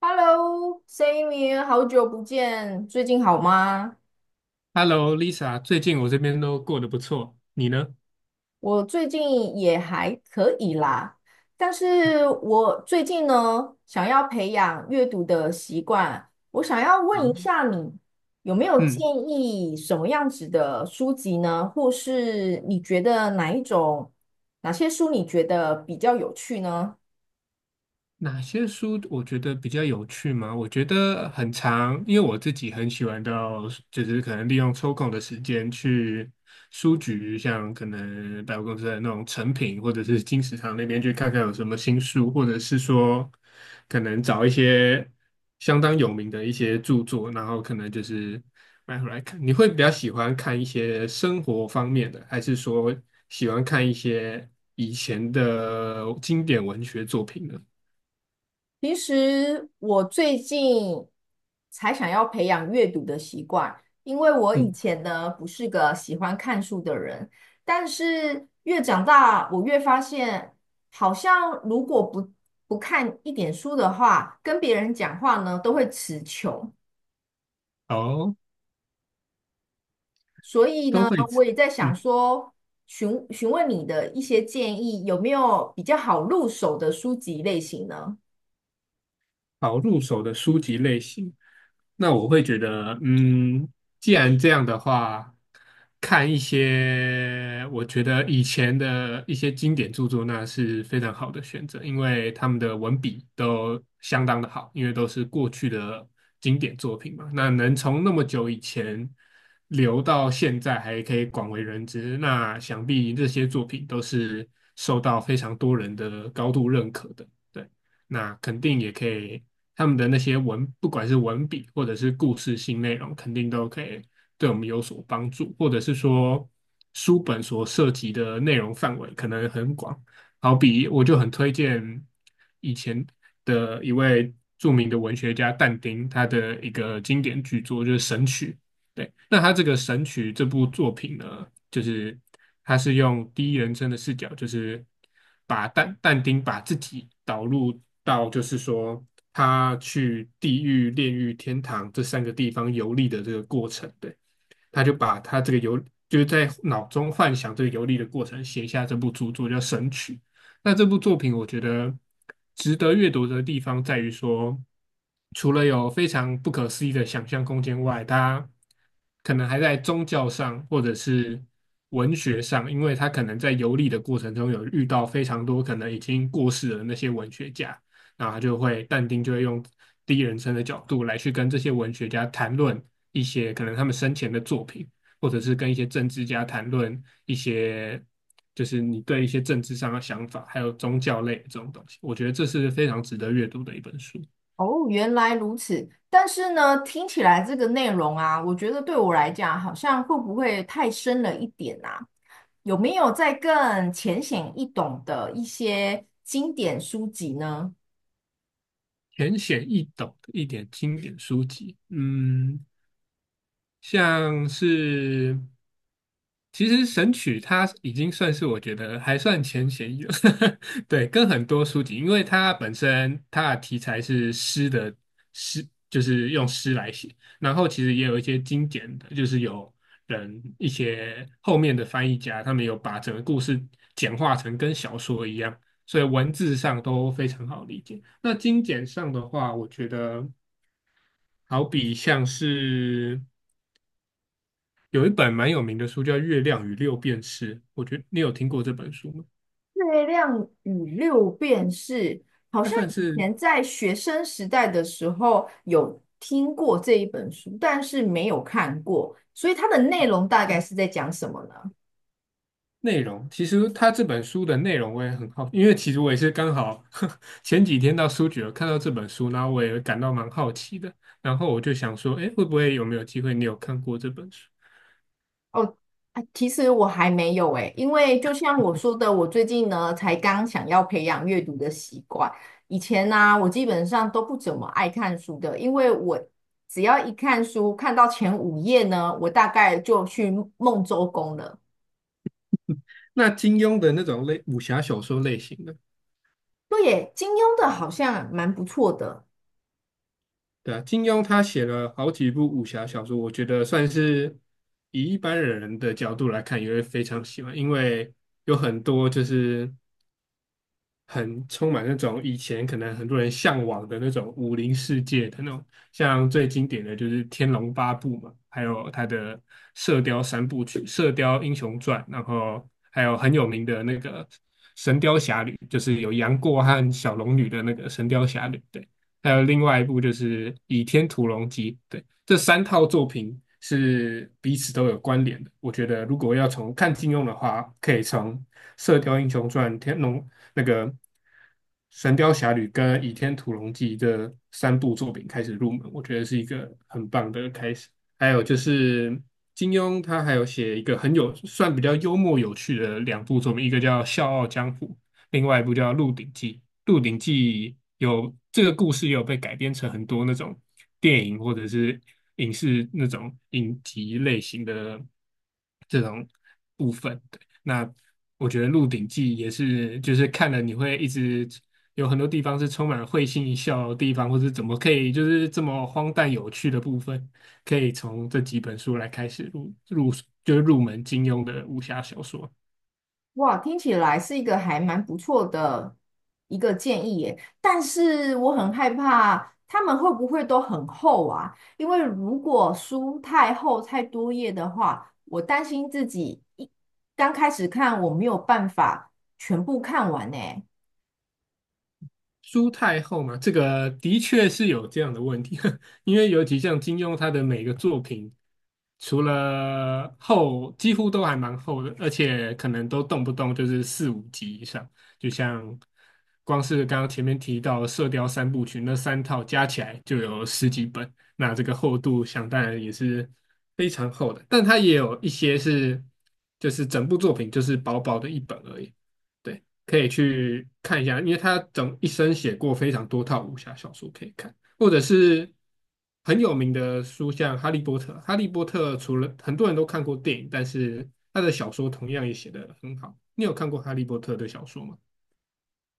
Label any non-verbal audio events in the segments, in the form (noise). Hello, Sammy，好久不见，最近好吗？Hello，Lisa，最近我这边都过得不错，你呢？我最近也还可以啦，但是我最近呢，想要培养阅读的习惯，我想要啊，问一下你，有没有建嗯，议什么样子的书籍呢？或是你觉得哪一种，哪些书你觉得比较有趣呢？哪些书我觉得比较有趣吗？我觉得很长，因为我自己很喜欢到，就是可能利用抽空的时间去书局，像可能百货公司的那种成品，或者是金石堂那边去看看有什么新书，或者是说可能找一些相当有名的一些著作，然后可能就是买回来看。你会比较喜欢看一些生活方面的，还是说喜欢看一些以前的经典文学作品呢？其实我最近才想要培养阅读的习惯，因为我以嗯。前呢不是个喜欢看书的人，但是越长大，我越发现，好像如果不看一点书的话，跟别人讲话呢都会词穷，哦，所以都呢，会吃，我也在想嗯，说，询问你的一些建议，有没有比较好入手的书籍类型呢？好入手的书籍类型，那我会觉得，嗯，既然这样的话，看一些我觉得以前的一些经典著作，那是非常好的选择，因为他们的文笔都相当的好，因为都是过去的经典作品嘛。那能从那么久以前留到现在，还可以广为人知，那想必这些作品都是受到非常多人的高度认可的。对。那肯定也可以他们的那些文，不管是文笔或者是故事性内容，肯定都可以对我们有所帮助，或者是说书本所涉及的内容范围可能很广。好比我就很推荐以前的一位著名的文学家但丁，他的一个经典巨作就是《神曲》，对，那他这个《神曲》这部作品呢，就是他是用第一人称的视角，就是把但丁把自己导入到，就是说他去地狱、炼狱、天堂这三个地方游历的这个过程。对，他就把他这个游就是在脑中幻想这个游历的过程，写下这部著作叫《神曲》。那这部作品，我觉得值得阅读的地方在于说，除了有非常不可思议的想象空间外，他可能还在宗教上或者是文学上，因为他可能在游历的过程中有遇到非常多可能已经过世的那些文学家，然后他就会但丁就会用第一人称的角度来去跟这些文学家谈论。一些可能他们生前的作品，或者是跟一些政治家谈论一些，就是你对一些政治上的想法，还有宗教类的这种东西，我觉得这是非常值得阅读的一本书，哦，原来如此。但是呢，听起来这个内容啊，我觉得对我来讲，好像会不会太深了一点啊？有没有再更浅显易懂的一些经典书籍呢？浅显易懂的一点经典书籍。嗯，像是其实《神曲》它已经算是我觉得还算前显有，(laughs) 对，跟很多书籍，因为它本身它的题材是诗，就是用诗来写，然后其实也有一些精简的，就是有人一些后面的翻译家，他们有把整个故事简化成跟小说一样，所以文字上都非常好理解。那精简上的话，我觉得好比像是。有一本蛮有名的书叫《月亮与六便士》，我觉得你有听过这本书吗？《月亮与六便士》好它像算以是前在学生时代的时候有听过这一本书，但是没有看过，所以它的内容大概是在讲什么呢？内容，其实它这本书的内容我也很好，因为其实我也是刚好 (laughs) 前几天到书局有看到这本书，然后我也感到蛮好奇的，然后我就想说，哎，会不会有没有机会你有看过这本书？哦，啊，其实我还没有诶，因为就像我说的，我最近呢才刚想要培养阅读的习惯。以前呢、我基本上都不怎么爱看书的，因为我只要一看书，看到前五页呢，我大概就去梦周公了。那金庸的那种类武侠小说类型的，对耶，金庸的好像蛮不错的。对啊，金庸他写了好几部武侠小说，我觉得算是以一般人的角度来看，也会非常喜欢，因为有很多就是很充满那种以前可能很多人向往的那种武林世界的那种，像最经典的就是《天龙八部》嘛，还有他的《射雕三部曲》《射雕英雄传》，然后还有很有名的那个《神雕侠侣》，就是有杨过和小龙女的那个《神雕侠侣》，对，还有另外一部就是《倚天屠龙记》，对，这三套作品是彼此都有关联的。我觉得如果要从看金庸的话，可以从《射雕英雄传》、《天龙》那个《神雕侠侣》跟《倚天屠龙记》这三部作品开始入门，我觉得是一个很棒的开始。还有就是金庸，他还有写一个很有算比较幽默有趣的两部作品，一个叫《笑傲江湖》，另外一部叫《鹿鼎记》。《鹿鼎记》有这个故事也有被改编成很多那种电影或者是影视那种影集类型的这种部分。那我觉得《鹿鼎记》也是，就是看了你会一直有很多地方是充满会心一笑的地方，或是怎么可以就是这么荒诞有趣的部分，可以从这几本书来开始就是入门金庸的武侠小说。哇，听起来是一个还蛮不错的一个建议耶，但是我很害怕他们会不会都很厚啊？因为如果书太厚太多页的话，我担心自己一刚开始看我没有办法全部看完呢。苏太后嘛，这个的确是有这样的问题，(laughs) 因为尤其像金庸他的每个作品，除了厚，几乎都还蛮厚的，而且可能都动不动就是四五集以上，就像光是刚刚前面提到的《射雕三部曲》那三套加起来就有十几本，那这个厚度想当然也是非常厚的，但它也有一些是就是整部作品就是薄薄的一本而已。对。可以去看一下，因为他整一生写过非常多套武侠小说可以看，或者是很有名的书，像《哈利波特》。《哈利波特》除了很多人都看过电影，但是他的小说同样也写得很好。你有看过《哈利波特》的小说吗？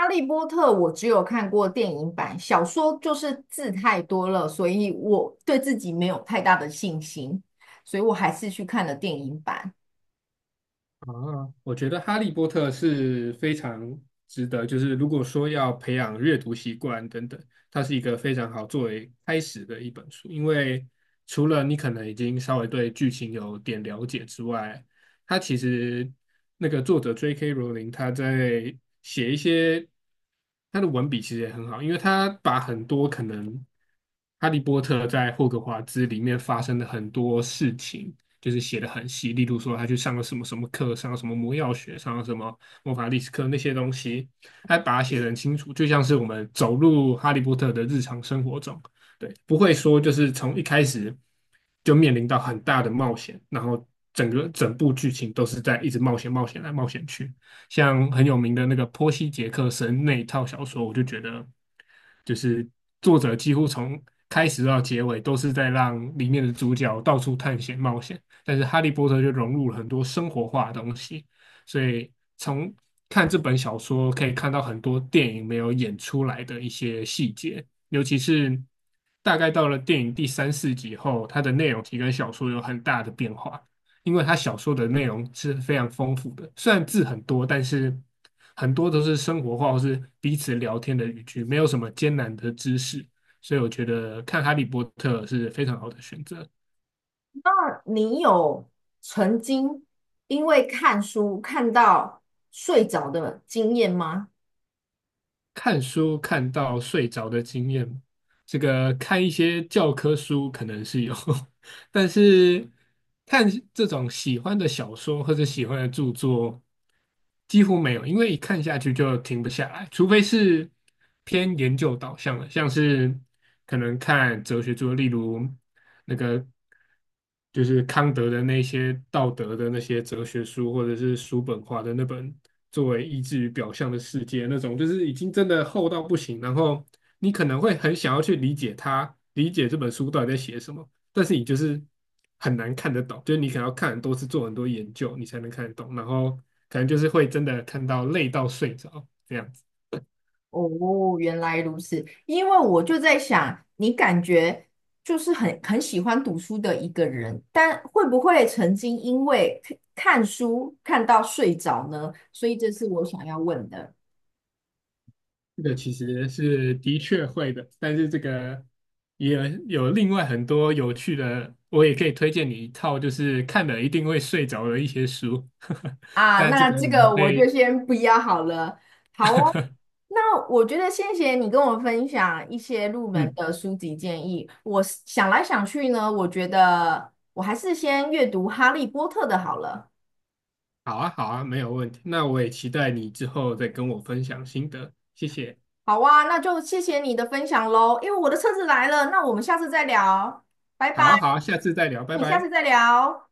《哈利波特》我只有看过电影版，小说就是字太多了，所以我对自己没有太大的信心，所以我还是去看了电影版。啊，我觉得《哈利波特》是非常值得，就是如果说要培养阅读习惯等等，它是一个非常好作为开始的一本书。因为除了你可能已经稍微对剧情有点了解之外，它其实那个作者 J.K. 罗琳他在写一些他的文笔其实也很好，因为他把很多可能《哈利波特》在霍格华兹里面发生的很多事情。就是写的很细，例如说他去上了什么什么课，上了什么魔药学，上了什么魔法历史课那些东西，他把它写的很清楚，就像是我们走入哈利波特的日常生活中，对，不会说就是从一开始就面临到很大的冒险，然后整部剧情都是在一直冒险、冒险来冒险去。像很有名的那个波西·杰克森那一套小说，我就觉得就是作者几乎从开始到结尾都是在让里面的主角到处探险冒险，但是《哈利波特》就融入了很多生活化的东西，所以从看这本小说可以看到很多电影没有演出来的一些细节，尤其是大概到了电影第三四集后，它的内容其实跟小说有很大的变化，因为它小说的内容是非常丰富的，虽然字很多，但是很多都是生活化或是彼此聊天的语句，没有什么艰难的知识，所以我觉得看《哈利波特》是非常好的选择。你有曾经因为看书看到睡着的经验吗？看书看到睡着的经验吗？这个看一些教科书可能是有，(laughs) 但是看这种喜欢的小说或者喜欢的著作，几乎没有，因为一看下去就停不下来，除非是偏研究导向的，像是可能看哲学著作，例如那个就是康德的那些道德的那些哲学书，或者是叔本华的那本作为意志与表象的世界那种，就是已经真的厚到不行，然后你可能会很想要去理解它，理解这本书到底在写什么。但是你就是很难看得懂，就是你可能要看很多次，做很多研究，你才能看得懂。然后可能就是会真的看到累到睡着这样子。哦，原来如此。因为我就在想，你感觉就是很喜欢读书的一个人，但会不会曾经因为看书看到睡着呢？所以这是我想要问的。这个其实是的确会的，但是这个也有另外很多有趣的，我也可以推荐你一套，就是看了一定会睡着的一些书。(laughs) 啊，但这那个我这们个可我就以先不要好了。好哦，那我觉得谢谢你跟我分享一些入门嗯，的书籍建议。我是想来想去呢，我觉得我还是先阅读《哈利波特》的好了。好啊，好啊，没有问题。那我也期待你之后再跟我分享心得，谢谢。好啊，那就谢谢你的分享喽。因为我的车子来了，那我们下次再聊，拜好拜。啊，好啊，下次再聊，拜你下次拜。再聊。